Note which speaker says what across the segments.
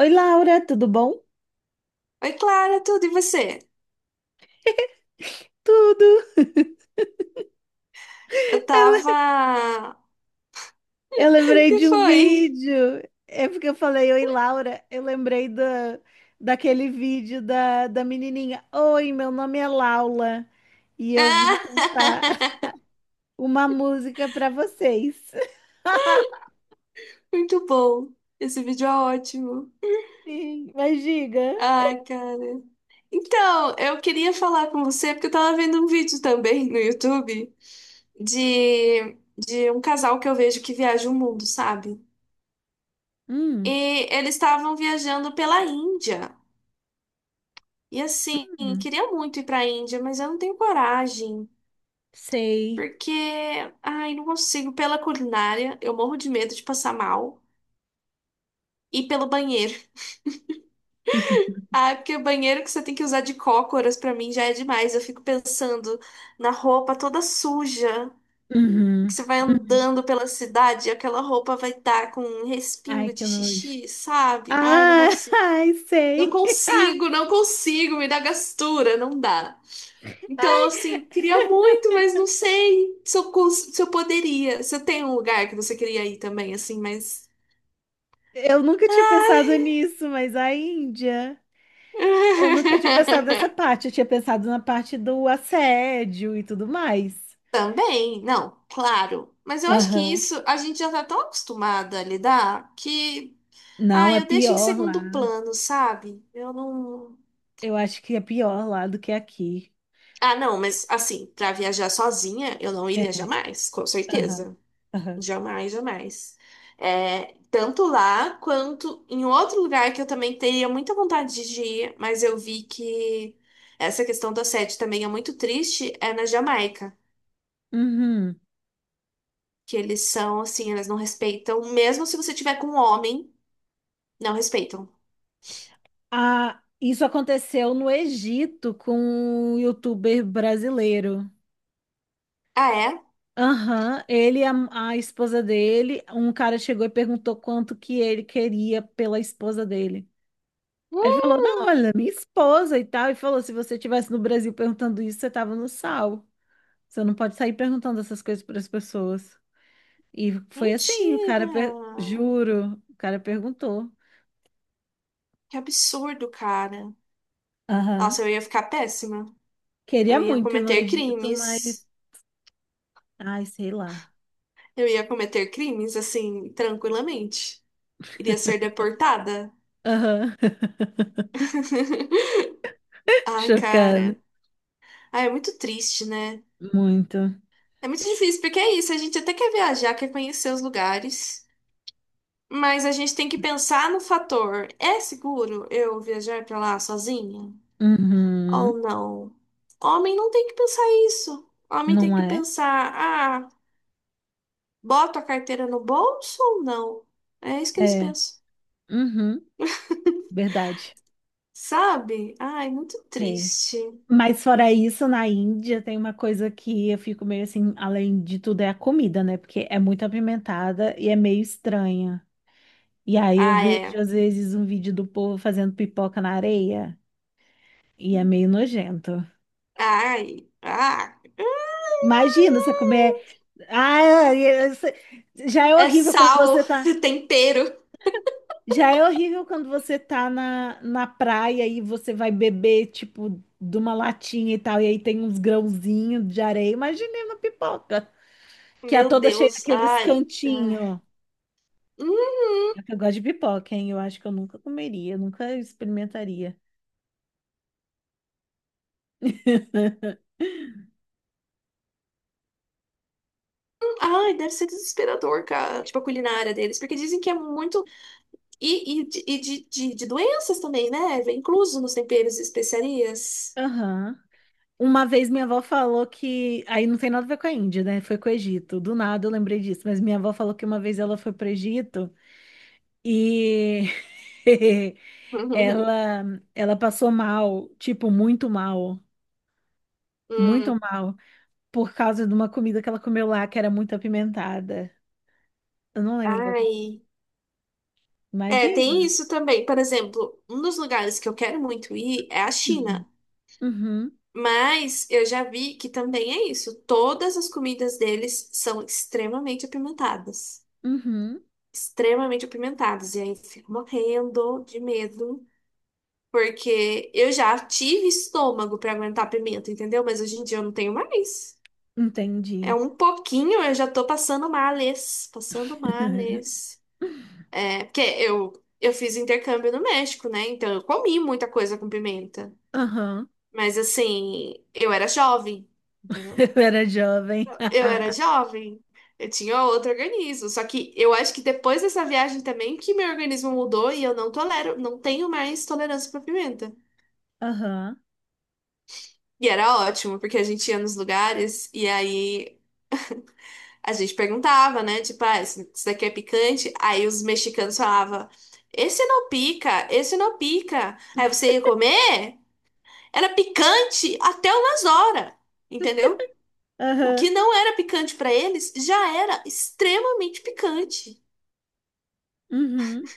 Speaker 1: Oi, Laura, tudo bom?
Speaker 2: Oi, Clara, tudo e você?
Speaker 1: Tudo.
Speaker 2: Eu tava.
Speaker 1: Eu lembrei
Speaker 2: Que
Speaker 1: de um
Speaker 2: foi?
Speaker 1: vídeo. É porque eu falei, oi, Laura. Eu lembrei daquele vídeo da menininha. Oi, meu nome é Laura e eu vim cantar
Speaker 2: Ah!
Speaker 1: uma música para vocês.
Speaker 2: Muito bom. Esse vídeo é ótimo.
Speaker 1: Sim, mas diga.
Speaker 2: Ai, cara. Então, eu queria falar com você porque eu tava vendo um vídeo também no YouTube de um casal que eu vejo que viaja o mundo, sabe?
Speaker 1: Hum,
Speaker 2: E eles estavam viajando pela Índia. E assim,
Speaker 1: hum,
Speaker 2: queria muito ir pra Índia, mas eu não tenho coragem.
Speaker 1: sei.
Speaker 2: Porque, ai, não consigo. Pela culinária, eu morro de medo de passar mal. E pelo banheiro. Ah, porque o banheiro que você tem que usar de cócoras, pra mim já é demais. Eu fico pensando na roupa toda suja, que
Speaker 1: Uhum,
Speaker 2: você vai
Speaker 1: uhum.
Speaker 2: andando pela cidade e aquela roupa vai estar com um
Speaker 1: Ai,
Speaker 2: respingo de
Speaker 1: que nojo.
Speaker 2: xixi, sabe? Ai, não
Speaker 1: Ah,
Speaker 2: consigo.
Speaker 1: ai,
Speaker 2: Não
Speaker 1: sei.
Speaker 2: consigo, não consigo, me dá gastura, não dá. Então, assim, queria muito, mas não sei se eu, se eu poderia. Você tem um lugar que você queria ir também, assim, mas.
Speaker 1: Eu nunca tinha pensado nisso, mas a Índia. Eu nunca tinha pensado nessa parte, eu tinha pensado na parte do assédio e tudo mais.
Speaker 2: Também, não, claro. Mas eu acho que
Speaker 1: Aham.
Speaker 2: isso a gente já tá tão acostumada a lidar que, ah,
Speaker 1: Não, é
Speaker 2: eu deixo em
Speaker 1: pior
Speaker 2: segundo
Speaker 1: lá.
Speaker 2: plano, sabe? Eu não.
Speaker 1: Eu acho que é pior lá do que aqui.
Speaker 2: Ah, não, mas assim, pra viajar sozinha, eu não iria
Speaker 1: É.
Speaker 2: jamais, com
Speaker 1: Aham.
Speaker 2: certeza.
Speaker 1: Aham.
Speaker 2: Jamais, jamais. É, tanto lá quanto em outro lugar que eu também teria muita vontade de ir, mas eu vi que essa questão do assédio também é muito triste, é na Jamaica.
Speaker 1: Uhum.
Speaker 2: Que eles são assim, eles não respeitam. Mesmo se você tiver com um homem, não respeitam.
Speaker 1: Ah, isso aconteceu no Egito com um youtuber brasileiro.
Speaker 2: Ah, é?
Speaker 1: Aham. Ele e a esposa dele, um cara chegou e perguntou quanto que ele queria pela esposa dele. Ele falou, não,
Speaker 2: Hum,
Speaker 1: olha, minha esposa e tal. E falou, se você estivesse no Brasil perguntando isso, você tava no sal. Você não pode sair perguntando essas coisas para as pessoas. E foi assim, o cara,
Speaker 2: mentira!
Speaker 1: juro, o cara perguntou.
Speaker 2: Que absurdo, cara.
Speaker 1: Aham.
Speaker 2: Nossa, eu ia ficar péssima. Eu
Speaker 1: Queria
Speaker 2: ia
Speaker 1: muito ir no
Speaker 2: cometer
Speaker 1: Egito, mas,
Speaker 2: crimes.
Speaker 1: ai, sei lá.
Speaker 2: Eu ia cometer crimes, assim, tranquilamente. Iria ser deportada.
Speaker 1: Aham.
Speaker 2: Ai,
Speaker 1: Chocado.
Speaker 2: cara. Ai, é muito triste, né?
Speaker 1: Muito.
Speaker 2: É muito difícil, porque é isso. A gente até quer viajar, quer conhecer os lugares. Mas a gente tem que pensar no fator: é seguro eu viajar pra lá sozinha ou
Speaker 1: Uhum.
Speaker 2: não? Homem não tem que pensar isso. Homem tem
Speaker 1: Não
Speaker 2: que
Speaker 1: é?
Speaker 2: pensar: ah, boto a carteira no bolso ou não? É isso que eles
Speaker 1: É.
Speaker 2: pensam.
Speaker 1: Uhum. Verdade.
Speaker 2: Sabe? Ai, muito
Speaker 1: Tem.
Speaker 2: triste.
Speaker 1: Mas fora isso, na Índia tem uma coisa que eu fico meio assim, além de tudo, é a comida, né? Porque é muito apimentada e é meio estranha. E aí eu
Speaker 2: Ah,
Speaker 1: vejo,
Speaker 2: é.
Speaker 1: às vezes, um vídeo do povo fazendo pipoca na areia e é meio nojento.
Speaker 2: Ai, ah.
Speaker 1: Imagina você comer. Ah, já é
Speaker 2: É
Speaker 1: horrível quando você
Speaker 2: sal,
Speaker 1: tá.
Speaker 2: tempero.
Speaker 1: Já é horrível quando você tá na praia e você vai beber, tipo, de uma latinha e tal, e aí tem uns grãozinhos de areia. Imagina uma pipoca. Que é
Speaker 2: Meu
Speaker 1: toda cheia
Speaker 2: Deus,
Speaker 1: daqueles
Speaker 2: ai. Ah.
Speaker 1: cantinhos.
Speaker 2: Uhum.
Speaker 1: É que eu gosto de pipoca, hein? Eu acho que eu nunca comeria, nunca experimentaria.
Speaker 2: Ai, deve ser desesperador, cara. Tipo, a culinária deles. Porque dizem que é muito. E de doenças também, né? Vem incluso nos temperos e especiarias.
Speaker 1: Aham. Uma vez minha avó falou que. Aí não tem nada a ver com a Índia, né? Foi com o Egito. Do nada eu lembrei disso. Mas minha avó falou que uma vez ela foi pro Egito e ela, ela passou mal, tipo, muito mal. Muito
Speaker 2: Hum,
Speaker 1: mal. Por causa de uma comida que ela comeu lá que era muito apimentada. Eu não lembro qual que foi.
Speaker 2: ai. É, tem
Speaker 1: Imagina.
Speaker 2: isso também. Por exemplo, um dos lugares que eu quero muito ir é a
Speaker 1: Uhum.
Speaker 2: China.
Speaker 1: Uhum.
Speaker 2: Mas eu já vi que também é isso. Todas as comidas deles são extremamente apimentadas.
Speaker 1: Uhum.
Speaker 2: Extremamente apimentadas. E aí eu fico morrendo de medo. Porque eu já tive estômago pra aguentar pimenta, entendeu? Mas hoje em dia eu não tenho mais. É
Speaker 1: Entendi.
Speaker 2: um pouquinho, eu já tô passando males, passando males. É, porque eu fiz intercâmbio no México, né? Então eu comi muita coisa com pimenta.
Speaker 1: Aham.
Speaker 2: Mas assim, eu era jovem, entendeu?
Speaker 1: Eu era jovem.
Speaker 2: Eu era jovem. Eu tinha outro organismo. Só que eu acho que depois dessa viagem também que meu organismo mudou e eu não tolero, não tenho mais tolerância pra pimenta.
Speaker 1: Aham.
Speaker 2: E era ótimo, porque a gente ia nos lugares e aí a gente perguntava, né? Tipo, ah, isso daqui é picante? Aí os mexicanos falavam, esse não pica, esse não pica. Aí você ia comer, era picante até umas horas, entendeu? O que
Speaker 1: Aham.
Speaker 2: não era picante pra eles já era extremamente picante.
Speaker 1: Uhum.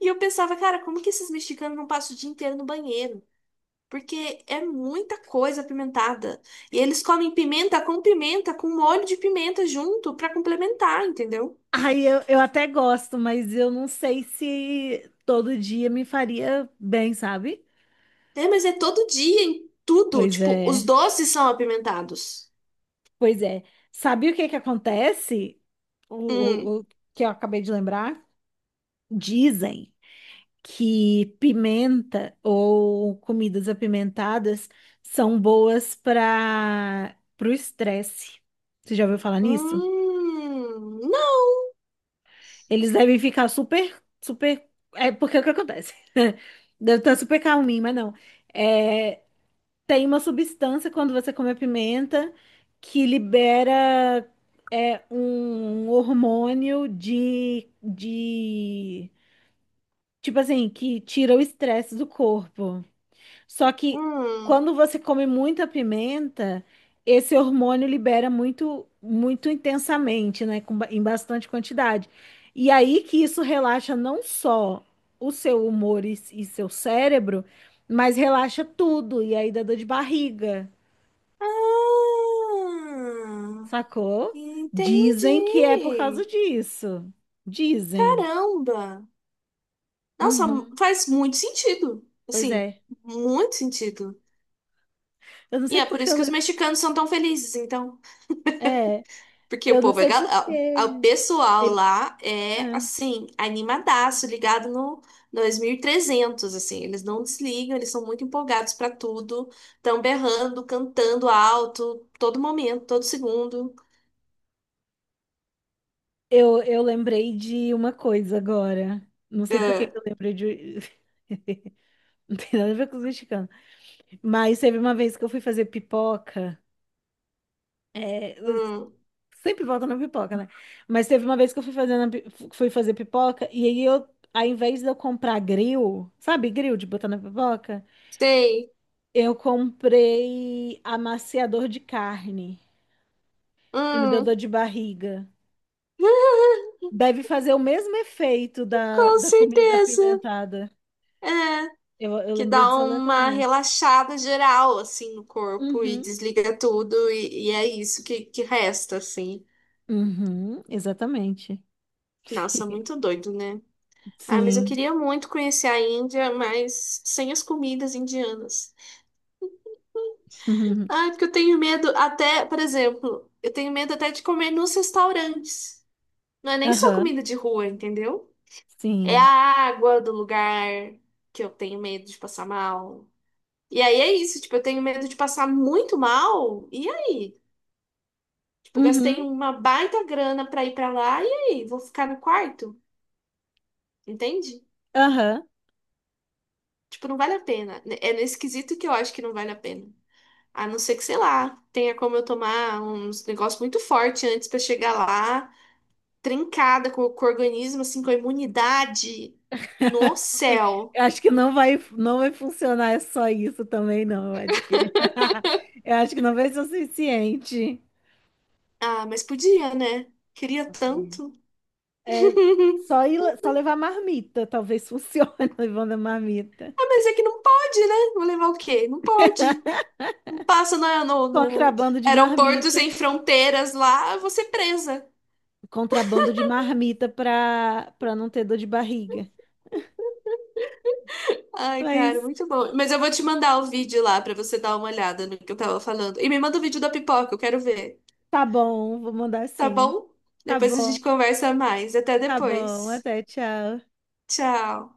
Speaker 2: E eu pensava, cara, como que esses mexicanos não passam o dia inteiro no banheiro? Porque é muita coisa apimentada. E eles comem pimenta, com molho de pimenta junto pra complementar, entendeu?
Speaker 1: Aí eu até gosto, mas eu não sei se todo dia me faria bem, sabe?
Speaker 2: É, mas é todo dia, em tudo.
Speaker 1: Pois
Speaker 2: Tipo, os
Speaker 1: é.
Speaker 2: doces são apimentados.
Speaker 1: Pois é. Sabe o que que acontece? O,
Speaker 2: Hum.
Speaker 1: o, o que eu acabei de lembrar? Dizem que pimenta ou comidas apimentadas são boas para o estresse. Você já ouviu falar nisso?
Speaker 2: Hum. Não.
Speaker 1: Eles devem ficar super, super. É porque é o que acontece? Deve estar super calminho, mas não. É, tem uma substância quando você come a pimenta que libera é, um hormônio de. Tipo assim, que tira o estresse do corpo. Só que
Speaker 2: Hum.
Speaker 1: quando você come muita pimenta, esse hormônio libera muito, muito intensamente, né? Com em bastante quantidade. E aí que isso relaxa não só o seu humor e seu cérebro, mas relaxa tudo. E aí dá dor de barriga,
Speaker 2: Ah.
Speaker 1: sacou? Dizem que é por causa
Speaker 2: Entendi.
Speaker 1: disso. Dizem.
Speaker 2: Caramba. Nossa,
Speaker 1: Uhum.
Speaker 2: faz muito sentido.
Speaker 1: Pois
Speaker 2: Assim,
Speaker 1: é.
Speaker 2: muito sentido.
Speaker 1: Eu não
Speaker 2: E
Speaker 1: sei
Speaker 2: é por
Speaker 1: porque
Speaker 2: isso
Speaker 1: eu.
Speaker 2: que os mexicanos são tão felizes, então.
Speaker 1: É,
Speaker 2: Porque o
Speaker 1: eu não
Speaker 2: povo é,
Speaker 1: sei porque.
Speaker 2: o pessoal
Speaker 1: Ele.
Speaker 2: lá é assim, animadaço, ligado no 2300, assim, eles não desligam, eles são muito empolgados pra tudo, estão berrando, cantando alto, todo momento, todo segundo.
Speaker 1: Eu lembrei de uma coisa agora. Não sei por que
Speaker 2: É.
Speaker 1: que eu lembrei de. Não tem nada a ver com os mexicanos. Mas teve uma vez que eu fui fazer pipoca. É, eu
Speaker 2: Hum,
Speaker 1: sempre volta na pipoca, né? Mas teve uma vez que eu fui fazer pipoca e aí eu, ao invés de eu comprar grill, sabe, grill de botar na pipoca,
Speaker 2: sei.
Speaker 1: eu comprei amaciador de carne e me deu dor
Speaker 2: Hum,
Speaker 1: de barriga. Deve fazer o mesmo efeito da,
Speaker 2: com
Speaker 1: da comida
Speaker 2: certeza.
Speaker 1: apimentada.
Speaker 2: É,
Speaker 1: Eu
Speaker 2: que
Speaker 1: lembrei
Speaker 2: dá
Speaker 1: disso
Speaker 2: uma
Speaker 1: aleatoriamente.
Speaker 2: relaxada geral, assim, no corpo e
Speaker 1: Uhum.
Speaker 2: desliga tudo e é isso que resta, assim.
Speaker 1: Uhum, exatamente.
Speaker 2: Nossa, muito doido, né? Ah, mas eu
Speaker 1: Sim.
Speaker 2: queria muito conhecer a Índia, mas sem as comidas indianas.
Speaker 1: Uhum.
Speaker 2: Ah, é porque eu tenho medo até, por exemplo, eu tenho medo até de comer nos restaurantes. Não é nem só
Speaker 1: Aham,
Speaker 2: comida de rua, entendeu? É a
Speaker 1: sim.
Speaker 2: água do lugar que eu tenho medo de passar mal. E aí é isso, tipo, eu tenho medo de passar muito mal. E aí? Tipo, gastei
Speaker 1: Uhum.
Speaker 2: uma baita grana pra ir pra lá, e aí? Vou ficar no quarto? Entende?
Speaker 1: Aham.
Speaker 2: Tipo, não vale a pena. É nesse quesito que eu acho que não vale a pena. A não ser que, sei lá, tenha como eu tomar uns negócios muito forte antes pra chegar lá, trincada com o organismo, assim, com a imunidade no céu.
Speaker 1: Eu acho que não vai funcionar só isso também, não. Eu acho que, eu acho que não vai ser o suficiente.
Speaker 2: Ah, mas podia, né? Queria
Speaker 1: Entendi.
Speaker 2: tanto.
Speaker 1: É, só, ir, só levar marmita, talvez funcione levando a marmita.
Speaker 2: Ah, mas é que não pode, né? Vou levar o quê? Não pode. Não passa no
Speaker 1: Contrabando de
Speaker 2: aeroporto
Speaker 1: marmita.
Speaker 2: sem fronteiras lá, eu vou ser presa.
Speaker 1: Contrabando de marmita para não ter dor de barriga.
Speaker 2: Ai, cara,
Speaker 1: Mas
Speaker 2: muito bom. Mas eu vou te mandar o vídeo lá pra você dar uma olhada no que eu tava falando. E me manda o vídeo da pipoca, eu quero ver.
Speaker 1: tá bom, vou mandar
Speaker 2: Tá
Speaker 1: sim.
Speaker 2: bom?
Speaker 1: Tá
Speaker 2: Depois a
Speaker 1: bom,
Speaker 2: gente conversa mais. Até
Speaker 1: tá bom.
Speaker 2: depois.
Speaker 1: Até, tchau.
Speaker 2: Tchau.